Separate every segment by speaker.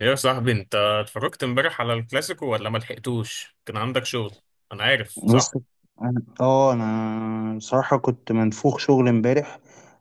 Speaker 1: يا صاحبي انت اتفرجت امبارح على الكلاسيكو ولا ما لحقتوش كان عندك شغل. انا عارف
Speaker 2: بص.
Speaker 1: صح.
Speaker 2: انا اه انا بصراحة كنت منفوخ شغل امبارح.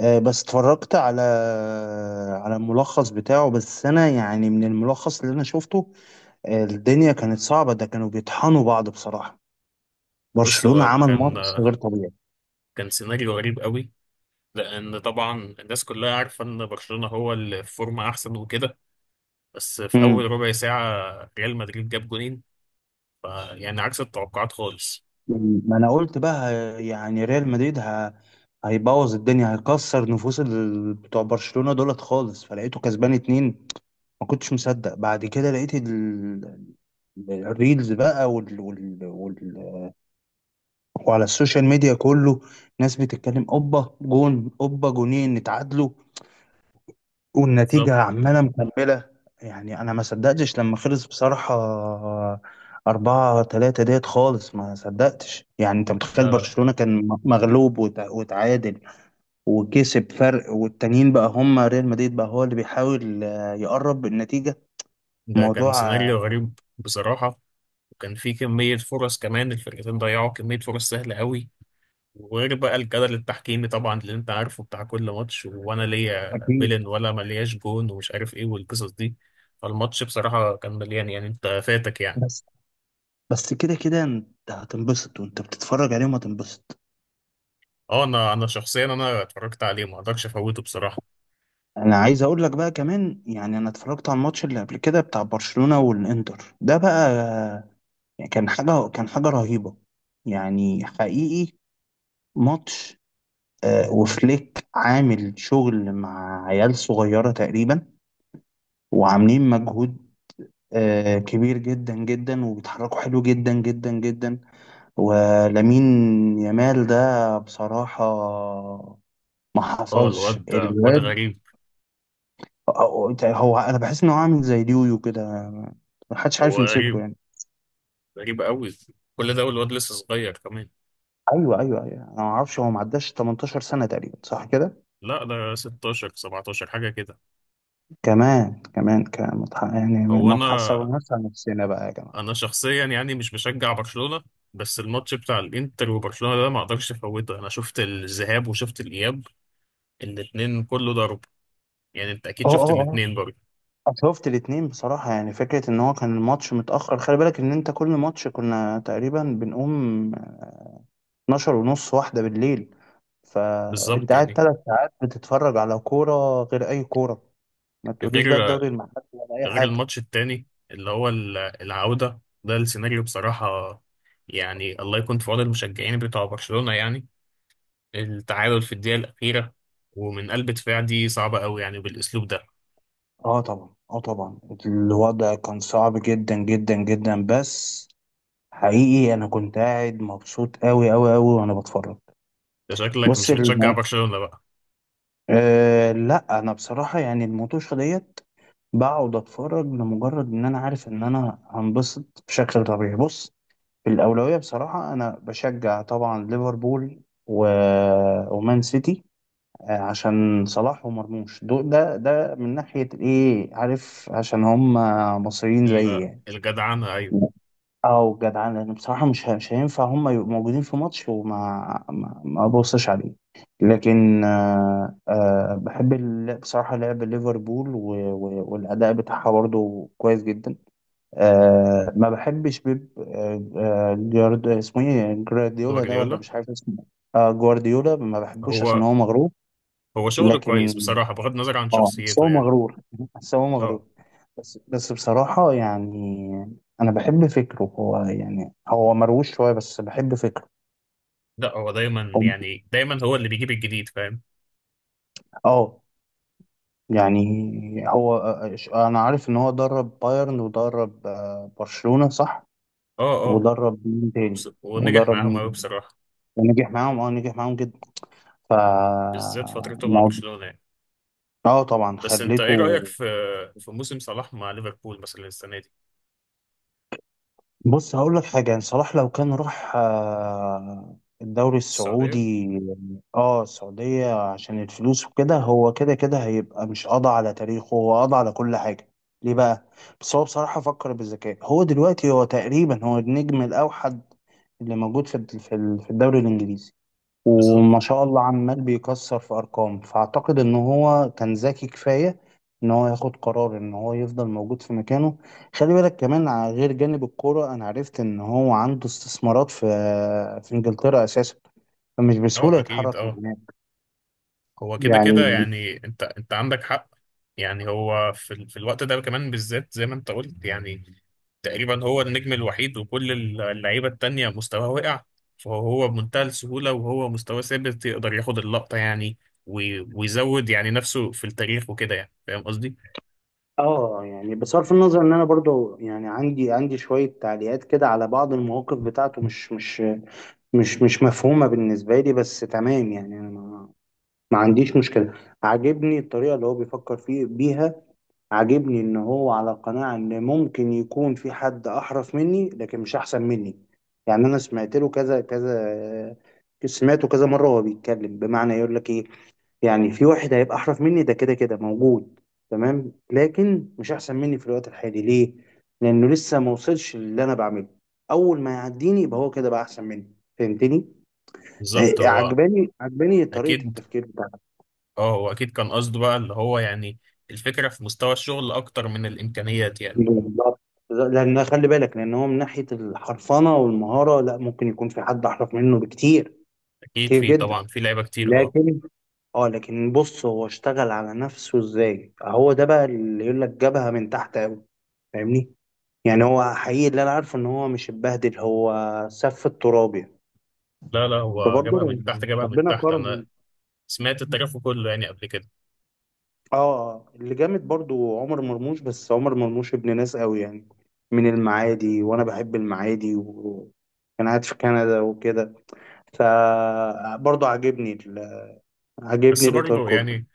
Speaker 2: بس اتفرجت على الملخص بتاعه، بس انا يعني من الملخص اللي انا شفته، الدنيا كانت صعبة، ده كانوا بيطحنوا بعض بصراحة.
Speaker 1: بص
Speaker 2: برشلونة
Speaker 1: هو
Speaker 2: عمل
Speaker 1: كان
Speaker 2: ماتش غير طبيعي.
Speaker 1: كان سيناريو غريب قوي. لان طبعا الناس كلها عارفه ان برشلونه هو اللي في فورمه احسن وكده. بس في اول
Speaker 2: امم.
Speaker 1: ربع ساعه ريال مدريد جاب جولين، يعني عكس التوقعات خالص.
Speaker 2: ما انا قلت بقى ه- يعني ريال مدريد هيبوظ الدنيا، هيكسر نفوس بتوع برشلونة دولت خالص، فلقيته كسبان اتنين. ما كنتش مصدق. بعد كده لقيت الريلز بقى وال... وال... وال... وعلى السوشيال ميديا كله ناس بتتكلم، اوبا جون اوبا جونين، نتعادلوا
Speaker 1: بالظبط.
Speaker 2: والنتيجة عمالة مكملة. يعني أنا ما صدقتش لما خلص بصراحة. أربعة تلاتة ديت خالص، ما صدقتش. يعني أنت متخيل
Speaker 1: لا لا،
Speaker 2: برشلونة كان مغلوب وتعادل وكسب فرق، والتانيين بقى هم ريال مدريد بقى هو اللي بيحاول يقرب النتيجة.
Speaker 1: ده كان
Speaker 2: موضوع.
Speaker 1: سيناريو غريب بصراحه. وكان في كميه فرص، كمان الفرقتين ضيعوا كميه فرص سهله قوي. وغير بقى الجدل التحكيمي طبعا اللي انت عارفه بتاع كل ماتش، وانا ليا
Speaker 2: أكيد.
Speaker 1: بيلن ولا ملياش جون ومش عارف ايه والقصص دي. فالماتش بصراحة كان مليان، يعني انت فاتك يعني.
Speaker 2: بس بس كده كده انت هتنبسط، وانت بتتفرج عليهم هتنبسط.
Speaker 1: اه، انا شخصيا انا اتفرجت عليه، ما اقدرش افوته بصراحة.
Speaker 2: انا عايز اقول لك بقى كمان، يعني انا اتفرجت على الماتش اللي قبل كده بتاع برشلونة والانتر ده بقى، يعني كان حاجة رهيبة. يعني حقيقي، ماتش وفليك عامل شغل مع عيال صغيرة تقريبا، وعاملين مجهود كبير جدا جدا، وبيتحركوا حلو جدا جدا جدا. ولامين يامال ده بصراحة، ما
Speaker 1: اه
Speaker 2: حصلش
Speaker 1: الواد واد
Speaker 2: الواد.
Speaker 1: غريب.
Speaker 2: هو انا بحس انه عامل زي اليويو كده، ما حدش عارف
Speaker 1: هو
Speaker 2: يمسكه
Speaker 1: غريب،
Speaker 2: يعني.
Speaker 1: غريب قوي. كل ده والواد لسه صغير كمان.
Speaker 2: ايوه ايوه ايوه، انا ما اعرفش، هو ما عداش 18 سنه تقريبا صح كده؟
Speaker 1: لا ده 16 17 حاجة كده.
Speaker 2: كمان كمان كمان، يعني
Speaker 1: هو
Speaker 2: ما
Speaker 1: انا،
Speaker 2: تحصرناش على نفسنا بقى يا جماعه.
Speaker 1: انا شخصيا يعني مش بشجع برشلونة. بس الماتش بتاع الانتر وبرشلونة ده ما اقدرش افوته، انا شفت الذهاب وشفت الاياب. الاتنين كله ضرب. يعني انت اكيد
Speaker 2: اه
Speaker 1: شفت
Speaker 2: اه
Speaker 1: الاتنين برضه.
Speaker 2: اه، شفت الاتنين بصراحة. يعني فكرة ان هو كان الماتش متأخر، خلي بالك ان انت كل ماتش كنا تقريبا بنقوم 12 ونص، واحدة بالليل، فانت
Speaker 1: بالظبط
Speaker 2: قاعد
Speaker 1: يعني.
Speaker 2: تلات ساعات بتتفرج على كورة غير اي كورة. ما تقوليش بقى الدوري
Speaker 1: غير،
Speaker 2: المحلي ولا اي
Speaker 1: غير
Speaker 2: حاجة.
Speaker 1: الماتش التاني اللي هو العودة ده، السيناريو بصراحة يعني الله يكون في عون المشجعين بتوع برشلونة يعني. التعادل في الدقيقة الأخيرة ومن قلب دفاع، دي صعبة قوي يعني بالأسلوب ده.
Speaker 2: اه طبعا، اه طبعا. الوضع كان صعب جدا جدا جدا، بس حقيقي انا كنت قاعد مبسوط قوي قوي قوي وانا بتفرج.
Speaker 1: ده شكلك
Speaker 2: بص
Speaker 1: مش بتشجع
Speaker 2: المو...
Speaker 1: برشلونة بقى.
Speaker 2: لا، انا بصراحة يعني الموتوشة ديت، بقعد اتفرج لمجرد ان انا عارف ان انا هنبسط بشكل طبيعي. بص، في الاولوية بصراحة انا بشجع طبعا ليفربول و... ومان سيتي، عشان صلاح ومرموش دول، ده من ناحية الايه، عارف، عشان هم مصريين زيي يعني.
Speaker 1: الجدعنة أيوه.
Speaker 2: او جدعان، لان بصراحه مش هينفع هم يبقوا موجودين في ماتش وما ما, ما ابصش عليه. لكن بحب بصراحه لعب ليفربول و- و- والاداء بتاعها برضه كويس جدا. ما بحبش بيب، اسمه ايه، جوارديولا ده، ولا
Speaker 1: جوارديولا.
Speaker 2: مش عارف اسمه؟ جوارديولا ما بحبوش عشان
Speaker 1: هو،
Speaker 2: هو مغرور.
Speaker 1: هو شغل كويس
Speaker 2: لكن
Speaker 1: بصراحة بغض النظر عن
Speaker 2: اه بس
Speaker 1: شخصيته
Speaker 2: هو
Speaker 1: يعني.
Speaker 2: مغرور بس هو مغرور.
Speaker 1: اه.
Speaker 2: بس بصراحة، يعني أنا بحب فكره، هو يعني هو مروش شوية بس بحب فكره.
Speaker 1: لا هو دايما،
Speaker 2: هو-
Speaker 1: يعني دايما هو اللي بيجيب الجديد فاهم.
Speaker 2: اه يعني هو، أنا عارف إن هو درب بايرن، ودرب برشلونة صح.
Speaker 1: اه. آه.
Speaker 2: ودرب مين تاني؟
Speaker 1: ونجح
Speaker 2: ودرب
Speaker 1: معاهم
Speaker 2: مين
Speaker 1: قوي
Speaker 2: تاني؟
Speaker 1: بصراحة.
Speaker 2: ونجح معاهم، نجح معاهم جدا. ف
Speaker 1: بالذات فترته مع
Speaker 2: الموضوع-
Speaker 1: برشلونة يعني.
Speaker 2: اه طبعا،
Speaker 1: بس انت ايه
Speaker 2: خليته.
Speaker 1: رأيك في، في موسم صلاح مع ليفربول مثلا السنة دي؟
Speaker 2: بص هقول لك حاجة، يعني صلاح لو كان راح الدوري
Speaker 1: السعودية.
Speaker 2: السعودي. اه، السعودية عشان الفلوس وكده، هو كده كده هيبقى، مش قضى على تاريخه، هو قضى على كل حاجة. ليه بقى؟ بس هو بصراحة فكر بالذكاء، هو دلوقتي هو تقريبا هو النجم الأوحد اللي موجود في في الدوري الإنجليزي، وما
Speaker 1: بالظبط.
Speaker 2: شاء الله عمال بيكسر في ارقام، فاعتقد ان هو كان ذكي كفايه ان هو ياخد قرار ان هو يفضل موجود في مكانه. خلي بالك كمان على غير جانب الكوره، انا عرفت ان هو عنده استثمارات في انجلترا اساسا، فمش
Speaker 1: اه
Speaker 2: بسهوله
Speaker 1: اكيد
Speaker 2: يتحرك من
Speaker 1: اه.
Speaker 2: هناك
Speaker 1: هو كده كده،
Speaker 2: يعني.
Speaker 1: يعني انت، انت عندك حق. يعني هو في في الوقت ده كمان بالذات، زي ما انت قلت يعني تقريبا هو النجم الوحيد، وكل اللعيبة التانية مستواه وقع. فهو بمنتهى السهولة وهو مستواه ثابت يقدر ياخد اللقطة يعني. ويزود يعني نفسه في التاريخ وكده، يعني فاهم قصدي؟
Speaker 2: اه يعني بصرف النظر ان انا برضو يعني عندي شويه تعليقات كده على بعض المواقف بتاعته مش مفهومه بالنسبه لي، بس تمام يعني انا ما عنديش مشكلة. عاجبني الطريقة اللي هو بيفكر فيه بيها، عاجبني ان هو على قناعة ان ممكن يكون في حد احرف مني لكن مش احسن مني. يعني انا سمعت له كذا كذا، سمعته كذا مرة وهو بيتكلم، بمعنى يقول لك ايه؟ يعني في واحد هيبقى احرف مني ده كده كده موجود، تمام، لكن مش احسن مني في الوقت الحالي ليه؟ لانه لسه ما وصلش للي انا بعمله. اول ما يعديني يبقى هو كده بقى احسن مني، فهمتني؟
Speaker 1: بالظبط
Speaker 2: إيه،
Speaker 1: هو.
Speaker 2: عجباني طريقة
Speaker 1: أكيد.
Speaker 2: التفكير بتاعته.
Speaker 1: اه هو اكيد كان قصده بقى اللي هو يعني الفكره في مستوى الشغل اكتر من الامكانيات يعني.
Speaker 2: بالظبط، لان خلي بالك لان هو من ناحيه الحرفنه والمهاره، لا ممكن يكون في حد احرف منه بكتير.
Speaker 1: اكيد،
Speaker 2: كتير
Speaker 1: في
Speaker 2: جدا.
Speaker 1: طبعا في لعيبه كتير اه.
Speaker 2: لكن بص هو اشتغل على نفسه ازاي، هو ده بقى اللي يقول لك جابها من تحت قوي. فاهمني؟ يعني هو حقيقي اللي انا عارفه ان هو مش اتبهدل، هو سف التراب يعني.
Speaker 1: لا لا، هو جابها
Speaker 2: فبرضه
Speaker 1: من تحت، جابها من
Speaker 2: ربنا
Speaker 1: تحت،
Speaker 2: كرمه.
Speaker 1: انا سمعت التاريخ كله يعني قبل كده.
Speaker 2: اه، اللي جامد برضه عمر مرموش، بس عمر مرموش ابن ناس قوي يعني، من المعادي، وانا بحب المعادي، وكان قاعد في كندا وكده. فبرضه
Speaker 1: بس
Speaker 2: عاجبني الاطار
Speaker 1: برضه
Speaker 2: كله.
Speaker 1: يعني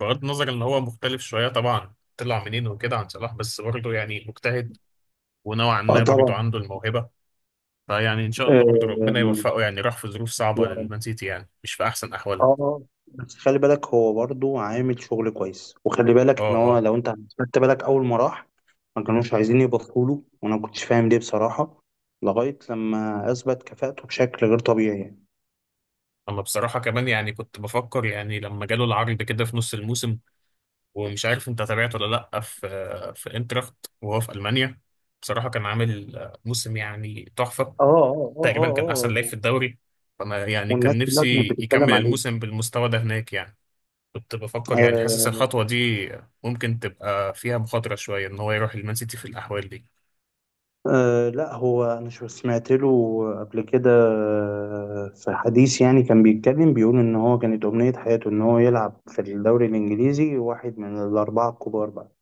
Speaker 1: بغض النظر ان هو مختلف شويه طبعا طلع منين وكده عن صلاح، بس برضه يعني مجتهد. ونوعا
Speaker 2: اه
Speaker 1: ما برضه
Speaker 2: طبعا.
Speaker 1: عنده الموهبه. فيعني ان شاء الله برضه ربنا
Speaker 2: آه،
Speaker 1: يوفقه، يعني راح في ظروف صعبه
Speaker 2: يا رب.
Speaker 1: للمان سيتي يعني مش في احسن احوالهم.
Speaker 2: اه، بس خلي بالك هو برضه عامل شغل كويس. وخلي
Speaker 1: اه
Speaker 2: بالك ان هو،
Speaker 1: اه.
Speaker 2: لو انت خدت بالك اول ما راح، ما كانوش عايزين يبطلوا له، وانا ما كنتش فاهم ليه بصراحة، لغاية لما اثبت كفاءته بشكل غير طبيعي يعني.
Speaker 1: انا بصراحه كمان يعني كنت بفكر يعني لما جاله العرض كده في نص الموسم، ومش عارف انت تابعته ولا لا، في، في انتراخت وهو في المانيا، بصراحه كان عامل موسم يعني تحفه.
Speaker 2: اه اه اه
Speaker 1: تقريبا كان
Speaker 2: اه
Speaker 1: احسن لعيب في
Speaker 2: اه،
Speaker 1: الدوري. فانا يعني
Speaker 2: والناس
Speaker 1: كان
Speaker 2: كلها كانت
Speaker 1: نفسي
Speaker 2: بتتكلم
Speaker 1: يكمل الموسم بالمستوى ده هناك يعني. كنت بفكر يعني
Speaker 2: عليه.
Speaker 1: حاسس الخطوه دي ممكن تبقى فيها مخاطره شويه ان هو يروح المان سيتي في الاحوال دي.
Speaker 2: أه لا، هو انا سمعت له قبل كده في حديث، يعني كان بيتكلم بيقول ان هو كانت امنية حياته ان هو يلعب في الدوري الانجليزي، واحد من الاربعة الكبار بقى،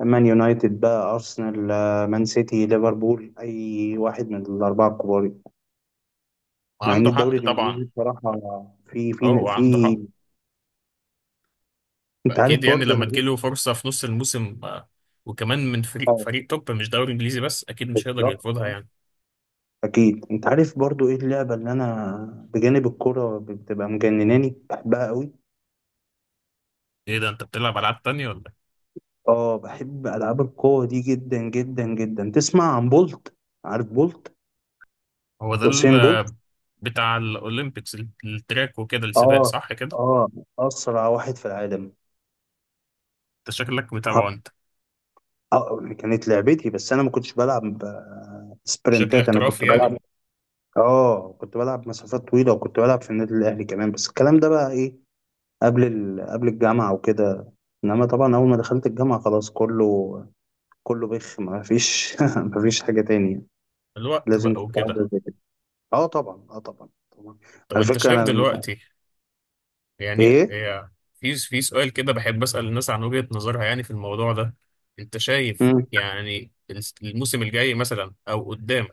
Speaker 2: مان يونايتد بقى، ارسنال، مان سيتي، ليفربول، اي واحد من الاربعة الكبار. مع ان
Speaker 1: وعنده
Speaker 2: الدوري
Speaker 1: حق طبعا.
Speaker 2: الانجليزي بصراحة، في
Speaker 1: اه
Speaker 2: في
Speaker 1: هو
Speaker 2: في
Speaker 1: عنده حق.
Speaker 2: انت عارف
Speaker 1: فاكيد يعني
Speaker 2: برضه
Speaker 1: لما
Speaker 2: انا ايه.
Speaker 1: تجيله فرصه في نص الموسم، وكمان من فريق،
Speaker 2: اه
Speaker 1: فريق توب مش دوري انجليزي بس، اكيد مش هيقدر
Speaker 2: بالظبط
Speaker 1: يرفضها
Speaker 2: اه.
Speaker 1: يعني.
Speaker 2: اكيد انت عارف برضه ايه اللعبة اللي انا بجانب الكرة بتبقى مجنناني، بحبها قوي.
Speaker 1: ايه ده انت بتلعب العاب تانية ولا؟
Speaker 2: اه بحب العاب القوه دي جدا جدا جدا. تسمع عن بولت؟ عارف بولت؟
Speaker 1: هو ده
Speaker 2: يوسين بولت؟
Speaker 1: بتاع الأولمبيكس، التراك وكده، السباق
Speaker 2: اه
Speaker 1: صح كده؟
Speaker 2: اه، اسرع واحد في العالم.
Speaker 1: أنت شكلك
Speaker 2: ح-
Speaker 1: متابعه أنت.
Speaker 2: كانت لعبتي، بس انا ما كنتش بلعب
Speaker 1: بشكل
Speaker 2: سبرنتات. انا كنت
Speaker 1: احترافي يعني.
Speaker 2: بلعب. اه كنت بلعب مسافات طويله، وكنت بلعب في النادي الاهلي كمان، بس الكلام ده بقى ايه، قبل الجامعه وكده. انما طبعا اول ما دخلت الجامعه خلاص، كله بخ، ما فيش ما فيش حاجه تانية.
Speaker 1: الوقت
Speaker 2: لازم
Speaker 1: بقى
Speaker 2: كنت
Speaker 1: وكده.
Speaker 2: أقعد. اه طبعا اه طبعا طبعا.
Speaker 1: طب
Speaker 2: على
Speaker 1: أنت
Speaker 2: فكره
Speaker 1: شايف
Speaker 2: انا لما
Speaker 1: دلوقتي، يعني
Speaker 2: ايه.
Speaker 1: هي، في، في سؤال كده بحب أسأل الناس عن وجهة نظرها يعني في الموضوع ده. أنت شايف
Speaker 2: مم.
Speaker 1: يعني الموسم الجاي مثلا أو قدام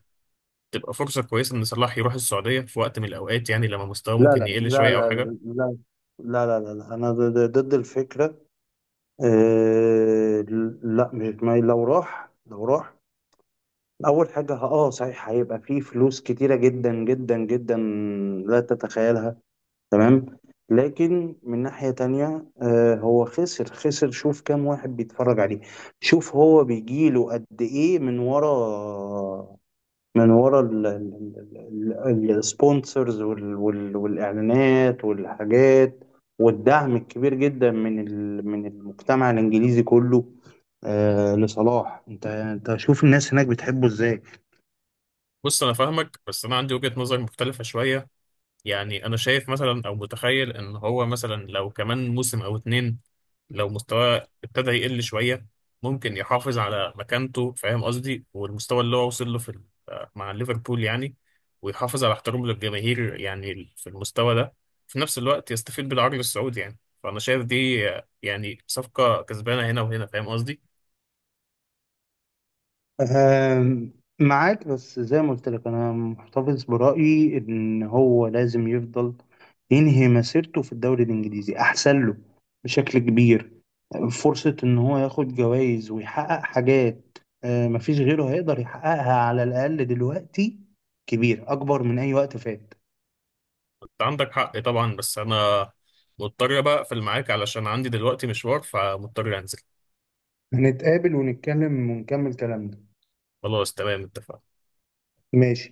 Speaker 1: تبقى فرصة كويسة إن صلاح يروح السعودية في وقت من الأوقات، يعني لما مستواه
Speaker 2: لا
Speaker 1: ممكن
Speaker 2: لا
Speaker 1: يقل
Speaker 2: لا
Speaker 1: شوية أو
Speaker 2: لا
Speaker 1: حاجة؟
Speaker 2: لا لا لا لا لا، انا ضد الفكره. آه لا، مش ما لو راح لو راح، اول حاجه صحيح، هيبقى فيه فلوس كتيره جدا جدا جدا، لا تتخيلها. تمام. لكن من ناحيه تانية، هو خسر، شوف كام واحد بيتفرج عليه. شوف هو بيجيله قد ايه من ورا، من ورا السبونسرز والاعلانات والحاجات، والدعم الكبير جدا من المجتمع الانجليزي كله، لصلاح. انت شوف الناس هناك بتحبه ازاي.
Speaker 1: بص أنا فاهمك، بس أنا عندي وجهة نظر مختلفة شوية. يعني انا شايف مثلا او متخيل ان هو مثلا لو كمان موسم او اتنين لو مستواه ابتدى يقل شوية، ممكن يحافظ على مكانته، فاهم قصدي؟ والمستوى اللي هو وصل له في مع ليفربول يعني. ويحافظ على احترامه للجماهير يعني في المستوى ده، في نفس الوقت يستفيد بالعرض السعودي. يعني فانا شايف دي يعني صفقة كسبانة هنا وهنا، فاهم قصدي؟
Speaker 2: آه معاك، بس زي ما قلت لك انا محتفظ برأيي ان هو لازم يفضل ينهي مسيرته في الدوري الانجليزي، احسن له بشكل كبير. فرصة إن هو ياخد جوائز ويحقق حاجات مفيش غيره هيقدر يحققها، على الأقل دلوقتي، كبير، أكبر من أي وقت فات.
Speaker 1: انت عندك حق طبعا، بس انا مضطر بقى اقفل معاك علشان عندي دلوقتي مشوار، فمضطر انزل.
Speaker 2: هنتقابل ونتكلم ونكمل كلامنا.
Speaker 1: خلاص تمام اتفقنا.
Speaker 2: ماشي.